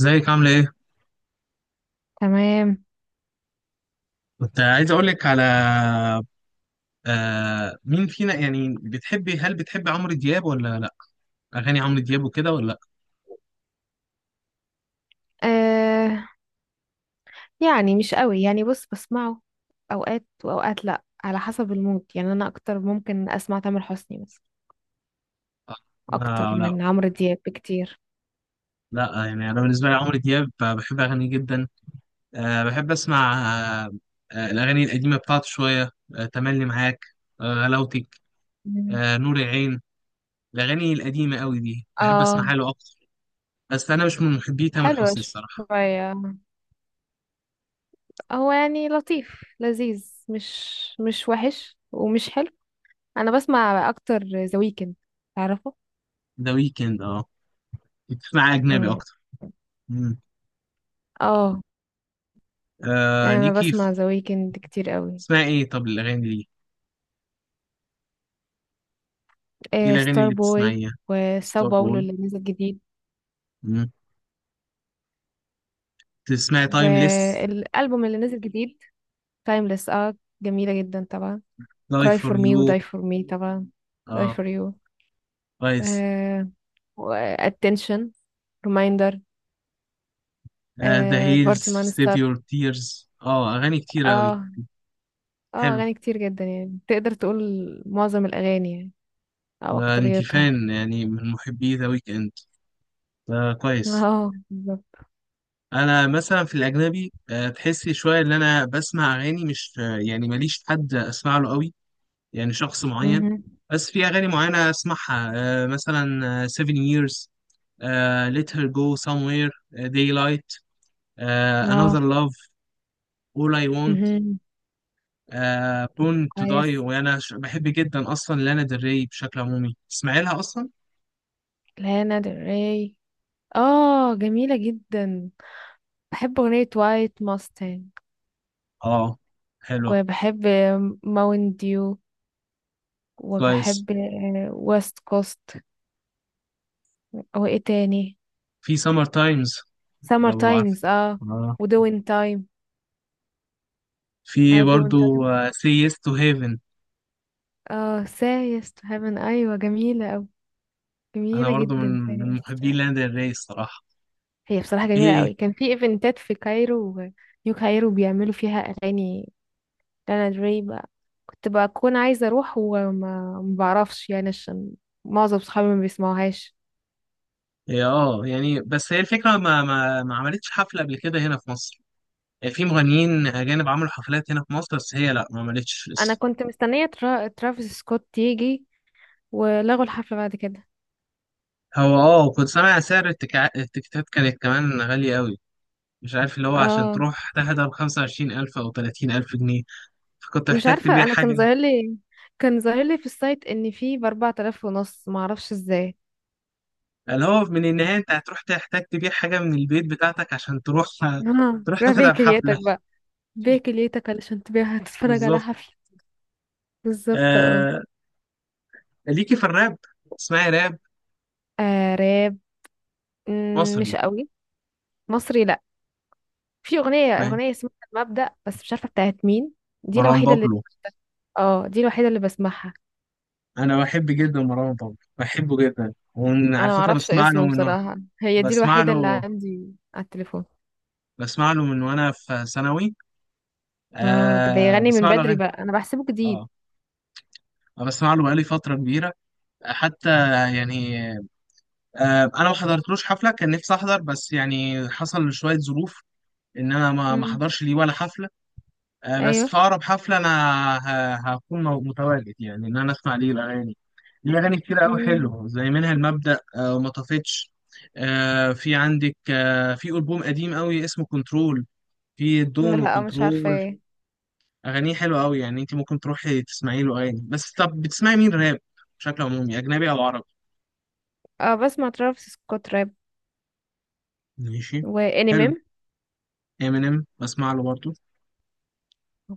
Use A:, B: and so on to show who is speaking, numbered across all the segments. A: ازيك عاملة ايه؟
B: تمام.
A: كنت عايز اقولك على. مين فينا، يعني هل بتحبي عمرو دياب ولا لا؟ اغاني عمرو دياب وكده ولا لا؟
B: آه، يعني مش قوي. يعني بص، بسمعه اوقات واوقات، لا على حسب المود. يعني انا اكتر ممكن اسمع تامر حسني مثلا
A: لا،
B: اكتر
A: لا،
B: من عمرو دياب بكتير.
A: لا، يعني انا بالنسبة لي عمرو دياب، بحب اغانيه جدا. آه، بحب اسمع. آه الاغاني القديمة بتاعته شوية، تملي معاك، غلاوتك،
B: مم.
A: نور العين. الاغاني القديمة قوي دي بحب
B: اه،
A: اسمعها له اكتر. بس انا مش من محبي تامر
B: حلوة
A: حسني الصراحة.
B: شوية. هو يعني لطيف لذيذ. مش وحش ومش حلو. انا بسمع اكتر ذا ويكند، تعرفه؟
A: ده ويكند، اه. بتسمع اجنبي
B: مم.
A: اكتر. مم.
B: اه، انا
A: ليكي.
B: بسمع ذا ويكند كتير قوي.
A: اسمها ايه طب الاغاني دي؟ ايه
B: آه،
A: الاغاني
B: ستار
A: اللي
B: بوي
A: بتسمعيها؟
B: وساو
A: ستار
B: باولو
A: بوي.
B: اللي نزل جديد،
A: مم. تسمعي تايمليس؟
B: والالبوم اللي نزل جديد تايمليس. اه، جميله جدا طبعا.
A: لاي
B: cry
A: فور
B: for me
A: يو؟
B: و die for me طبعا. die
A: اه،
B: for you.
A: كويس.
B: آه، و attention، reminder.
A: ذا
B: آه،
A: هيلز،
B: party
A: سيف
B: monster.
A: يور تيرز، اه اغاني كتير اوي.
B: اه، اه،
A: حلو.
B: اغاني كتير جدا، يعني تقدر تقول معظم الاغاني، يعني او
A: ما انت
B: اكتريتها.
A: فان يعني، من محبي ذا ويك اند. كويس.
B: اه، بالظبط.
A: انا مثلا في الاجنبي، تحسي شويه ان انا بسمع اغاني مش، يعني ماليش حد اسمع له قوي، يعني شخص معين.
B: مهم.
A: بس في اغاني معينه اسمعها، مثلا 7 years, Let Her Go Somewhere, Daylight, Another
B: اه.
A: Love, All I Want,
B: مهم.
A: Born to Die.
B: كويس.
A: وأنا بحب جدا أصلا لانا ديل ري، بشكل عمومي تسمعي لها أصلا؟
B: لانا ديل ري، اه، جميله جدا. بحب اغنيه وايت ماستنج،
A: آه، حلوة.
B: وبحب ماون ديو،
A: كويس.
B: وبحب ويست كوست. او ايه تاني؟
A: في Summer Times،
B: سمر
A: لو عارف.
B: تايمز، اه.
A: آه.
B: ودوين تايم،
A: في
B: عارف دوين
A: برضو
B: تايم.
A: Say Yes to Heaven.
B: اه، سايس تو هيفن، ايوه، جميله أوي،
A: أنا
B: جميله
A: برضو
B: جدا
A: من
B: سايس to
A: محبين
B: Heaven.
A: لانا ديل ري الصراحة.
B: هي بصراحه جميله
A: إيه.
B: أوي. كان في ايفنتات في كايرو، نيو كايرو بيعملوا فيها اغاني لانا دري بقى. كنت بكون عايزه اروح وما ما بعرفش يعني عشان معظم صحابي ما بيسمعوهاش.
A: إيه، اه، يعني بس هي الفكرة ما عملتش حفلة قبل كده هنا في مصر. في مغنيين أجانب عملوا حفلات هنا في مصر، بس هي لأ، ما عملتش
B: انا
A: لسه.
B: كنت مستنيه ترافيس سكوت يجي، ولغوا الحفله بعد كده.
A: هو اه، وكنت سامع سعر التيكتات كانت كمان غالية أوي. مش عارف اللي هو عشان
B: اه،
A: تروح تحضر 25,000 أو 30,000 جنيه، فكنت
B: مش
A: محتاج
B: عارفة.
A: تبيع
B: انا كان
A: حاجة.
B: ظاهر لي كان ظاهر لي في السايت ان في بـ4500، معرفش ازاي.
A: اللي هو من النهاية أنت هتروح تحتاج تبيع حاجة من البيت بتاعتك عشان تروح
B: اه،
A: تروح
B: روح بيع
A: تحضر حفلة.
B: كليتك بقى. بيع كليتك علشان تبيعها تتفرج على
A: بالظبط.
B: حفلة. بالظبط، اه.
A: آه... ليكي في الراب؟ اسمعي راب
B: آه، راب. مش
A: مصري؟
B: قوي. مصري لا. في اغنية
A: اسمعي
B: اغنية اسمها المبدأ بس مش عارفة بتاعت مين. دي
A: مروان
B: الوحيدة اللي.
A: بابلو.
B: اه، دي الوحيدة اللي بسمعها.
A: أنا بحب جدا مروان بابلو، بحبه جدا. وعلى
B: انا
A: فكرة
B: معرفش اسمه بصراحة، هي دي
A: بسمع
B: الوحيدة اللي
A: له
B: عندي على التليفون.
A: بسمع له من وانا في ثانوي.
B: اه، ده
A: آه
B: بيغني من
A: بسمع له
B: بدري
A: اغاني.
B: بقى، انا بحسبه جديد.
A: اه بسمع له بقالي فتره كبيره حتى، يعني. آه، انا ما حضرتلوش حفله، كان نفسي احضر بس يعني حصل شويه ظروف ان انا ما
B: مم.
A: احضرش ليه ولا حفله. آه بس
B: ايوه.
A: في اقرب حفله انا هكون متواجد، يعني ان انا اسمع ليه الاغاني. ليه اغاني كتير قوي
B: مم.
A: حلوه، زي منها المبدأ، آه وما طفتش. آه في عندك، آه في البوم قديم قوي اسمه كنترول، في دون
B: لا، مش عارفة
A: وكنترول.
B: ايه.
A: اغانيه حلوه قوي، يعني انت ممكن تروحي تسمعي له اغاني. بس طب بتسمعي مين راب بشكل عمومي، اجنبي او عربي؟
B: اه، بسمع ترافيس سكوت راب،
A: ماشي. حلو.
B: وانيميم.
A: امينيم بسمع له برضه.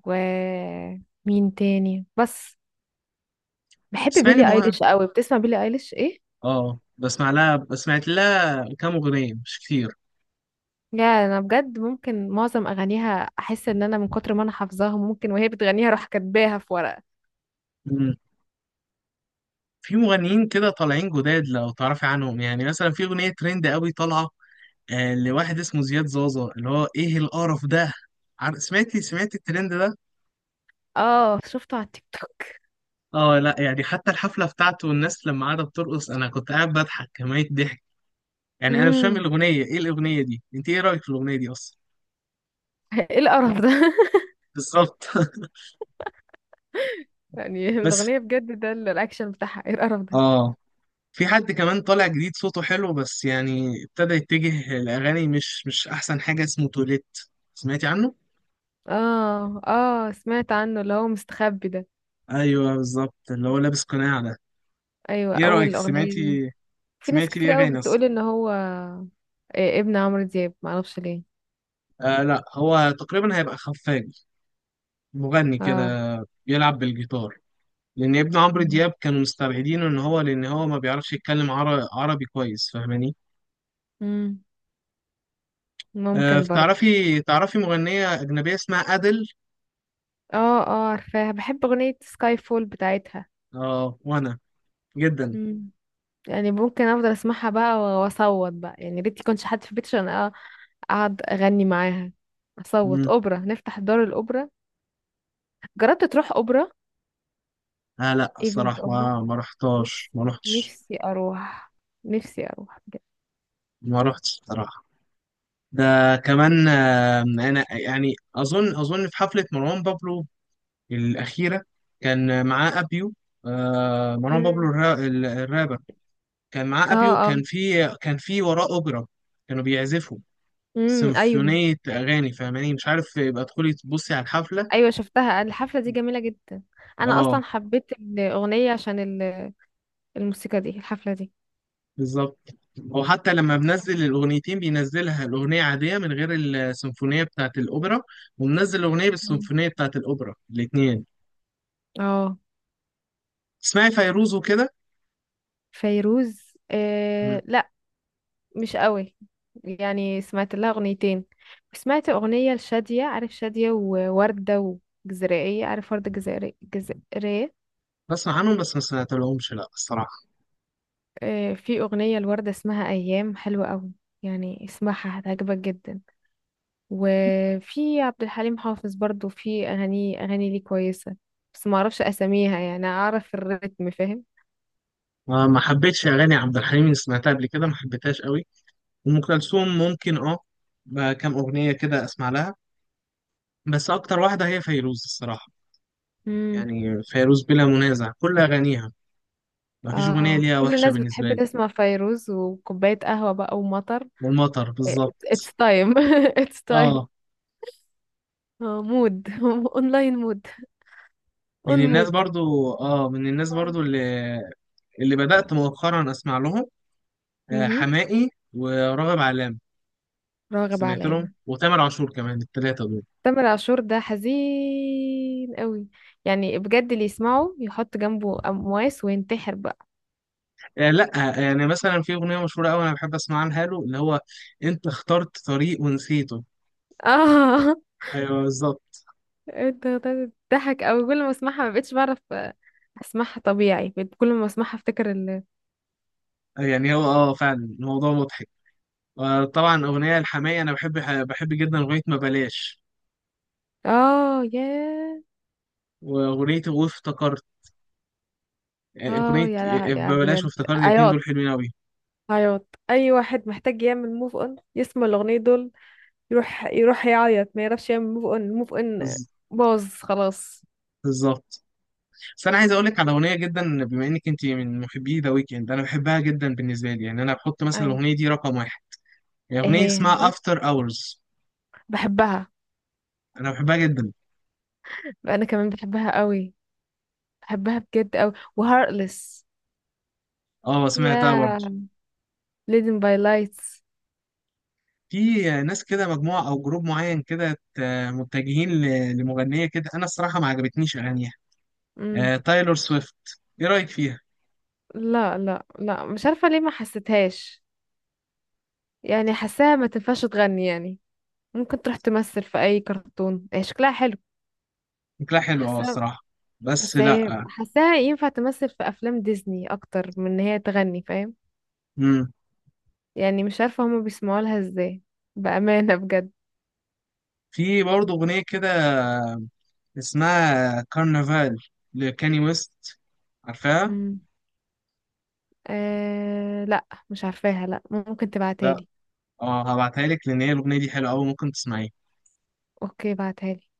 B: و مين تاني بس؟ بحب
A: تسمعي لي
B: بيلي
A: مواقع.
B: ايليش قوي. بتسمع بيلي ايليش، ايه؟
A: اه بسمع لها، سمعت لها كام اغنيه مش كتير.
B: يا، انا بجد ممكن معظم اغانيها احس ان انا من كتر ما انا حافظاها ممكن وهي بتغنيها اروح كاتباها في ورقة.
A: مم. في مغنيين كده طالعين جداد لو تعرفي عنهم، يعني مثلا في اغنيه ترند قوي طالعه، لواحد اسمه زياد زازا، اللي هو ايه القرف ده. سمعتي الترند ده؟
B: اه، شفته على التيك توك.
A: اه لا، يعني حتى الحفله بتاعته والناس لما قعدت ترقص، انا كنت قاعد بضحك كمية ضحك. يعني انا مش فاهم
B: امم
A: الاغنيه، ايه الاغنيه دي، انت ايه رايك في الاغنيه دي اصلا؟
B: ايه القرف ده؟
A: بالظبط.
B: يعني
A: بس
B: الاغنية بجد ده، الاكشن بتاعها ايه القرف ده.
A: اه، في حد كمان طالع جديد صوته حلو، بس يعني ابتدى يتجه لاغاني مش احسن حاجه، اسمه توليت. سمعتي عنه؟
B: اه، اه، سمعت عنه اللي هو مستخبي ده.
A: ايوه بالظبط، اللي هو لابس قناع ده.
B: ايوه،
A: ايه رايك،
B: اول اغنية ليه.
A: سمعتي؟
B: في ناس
A: سمعتي
B: كتير
A: ليه
B: قوي
A: اغاني اصلا؟
B: بتقول ان هو إيه ابن عمرو دياب، معرفش ليه.
A: آه لا، هو تقريبا هيبقى خفاجي، مغني كده
B: اه.
A: بيلعب بالجيتار. لان ابن عمرو
B: مم.
A: دياب كانوا مستبعدينه ان هو، لان هو ما بيعرفش يتكلم عربي كويس، فاهماني؟
B: مم.
A: آه،
B: ممكن برضه.
A: تعرفي مغنية أجنبية اسمها أدل؟
B: اه، اه، عارفاها، بحب اغنية سكاي فول بتاعتها.
A: اه. وأنا جدا.
B: مم. يعني ممكن افضل اسمعها بقى واصوت بقى، يعني ريت يكونش حد في البيت عشان اقعد اغني معاها، اصوت
A: مم.
B: اوبرا، نفتح دار الاوبرا. جربت تروح اوبرا،
A: آه لا
B: ايفنت
A: الصراحة
B: اوبرا؟
A: ما رحتهاش،
B: نفسي.
A: ما رحتش،
B: نفسي اروح. نفسي اروح بجد.
A: ما رحتش الصراحة. ده كمان آه، أنا يعني أظن في حفلة مروان بابلو الأخيرة كان معاه أبيو. آه مروان بابلو
B: مم.
A: الرابر، كان معاه
B: اه.
A: أبيو،
B: اه.
A: كان في كان في وراه أوبرا، كانوا بيعزفوا
B: امم، ايوه.
A: سيمفونية أغاني، فاهماني؟ مش عارف، يبقى تدخلي تبصي على الحفلة.
B: ايوه شفتها، الحفله دي جميله جدا. انا
A: اه
B: اصلا حبيت الاغنيه عشان الموسيقى دي، الحفلة دي.
A: بالظبط. هو حتى لما بنزل الأغنيتين بينزلها الأغنية عادية من غير السيمفونية بتاعة الأوبرا، ومنزل الأغنية
B: مم.
A: بالسيمفونية بتاعة الأوبرا الاتنين.
B: اه.
A: اسمعي فيروز وكده؟
B: فيروز؟
A: مم.
B: آه لا، مش قوي. يعني سمعت لها اغنيتين. سمعت اغنية لشادية، عارف شادية ووردة؟ وجزائرية، عارف وردة جزائرية، جزائرية.
A: بسمع عنهم بس ما سمعتلهمش لا الصراحة.
B: آه، في اغنية لوردة اسمها ايام حلوة قوي، يعني اسمعها هتعجبك جدا. وفي عبد الحليم حافظ برضو في اغاني ليه كويسة. بس ما اعرفش اساميها، يعني اعرف الريتم، فاهم؟
A: ما حبيتش أغاني عبد الحليم اللي سمعتها قبل كده، ما حبيتهاش قوي. أم كلثوم ممكن أه، بقى كام أغنية كده أسمع لها، بس أكتر واحدة هي فيروز الصراحة.
B: مم.
A: يعني فيروز بلا منازع كل أغانيها، ما فيش أغنية
B: اه،
A: ليها
B: كل
A: وحشة
B: الناس
A: بالنسبة
B: بتحب
A: لي.
B: تسمع فيروز وكوباية قهوة بقى ومطر.
A: والمطر
B: it's
A: بالظبط.
B: time it's time.
A: اه
B: اه، مود. اونلاين مود.
A: من
B: اون
A: الناس
B: مود.
A: برضو، اه من الناس
B: اه.
A: برضو اللي، اللي بدأت مؤخرا اسمع لهم، آه
B: مهم.
A: حماقي وراغب علام.
B: راغب
A: سمعت لهم
B: علامة.
A: وتامر عاشور كمان، الثلاثه دول.
B: تامر عاشور ده حزين قوي، يعني بجد اللي يسمعه يحط جنبه أمواس وينتحر بقى.
A: آه لا. آه، يعني مثلا في اغنيه مشهوره قوي انا بحب اسمعها له اللي هو انت اخترت طريق ونسيته.
B: اه،
A: ايوه بالظبط.
B: انت بتضحك قوي كل ما اسمعها. ما بقتش بعرف اسمعها طبيعي، بقيت كل ما اسمعها افتكر.
A: آه، يعني هو اه فعلا الموضوع مضحك. آه طبعا اغنيه الحماقي انا بحب، بحب جدا اغنيه ما بلاش،
B: اه، ياه.
A: واغنيه وافتكرت. آه،
B: اه
A: اغنيه
B: يا،
A: آه،
B: لا يا
A: ما بلاش
B: بجد.
A: وافتكرت، الاتنين دول
B: عياط.
A: حلوين قوي.
B: عياط، اي واحد محتاج يعمل موف اون يسمع الاغنيه دول. يروح يروح يعيط، ما يعرفش يعمل موف اون. الموف اون باظ خلاص.
A: بالظبط. بس انا عايز اقول لك على اغنيه، جدا بما انك انت من محبي ذا ويكند، انا بحبها جدا بالنسبه لي، يعني انا بحط مثلا
B: اي،
A: الاغنيه دي رقم واحد. هي
B: ايه؟
A: اغنيه
B: هي،
A: اسمها افتر اورز،
B: بحبها.
A: انا بحبها جدا.
B: انا كمان بحبها قوي، بحبها بجد قوي. وهارتلess.
A: اه سمعتها برضه.
B: يا، leading by lights.
A: في ناس كده مجموعه او جروب معين كده متجهين لمغنيه كده، انا الصراحه ما عجبتنيش اغانيها.
B: مم.
A: آه، تايلور سويفت، ايه رايك فيها؟
B: لا لا لا، مش عارفه ليه، ما حسيتهاش. يعني حاساها ما تنفعش تغني يعني. ممكن تروح تمثل في اي كرتون، هي شكلها حلو.
A: شكلها حلو اه
B: حاساها.
A: الصراحه، بس
B: بس هي
A: لا.
B: حاساها ينفع تمثل في افلام ديزني اكتر من ان هي تغني، فاهم؟
A: امم.
B: يعني مش عارفه هما بيسمعوا لها ازاي بامانه بجد.
A: في برضه اغنيه كده اسمها كارنفال لكاني ويست، عارفاها؟
B: مم. أه لا، مش عارفاها لا، ممكن تبعتها لي.
A: اه هبعتها لك لان هي الاغنيه دي حلوه قوي، ممكن تسمعيها.
B: اوكي، بعتها لي.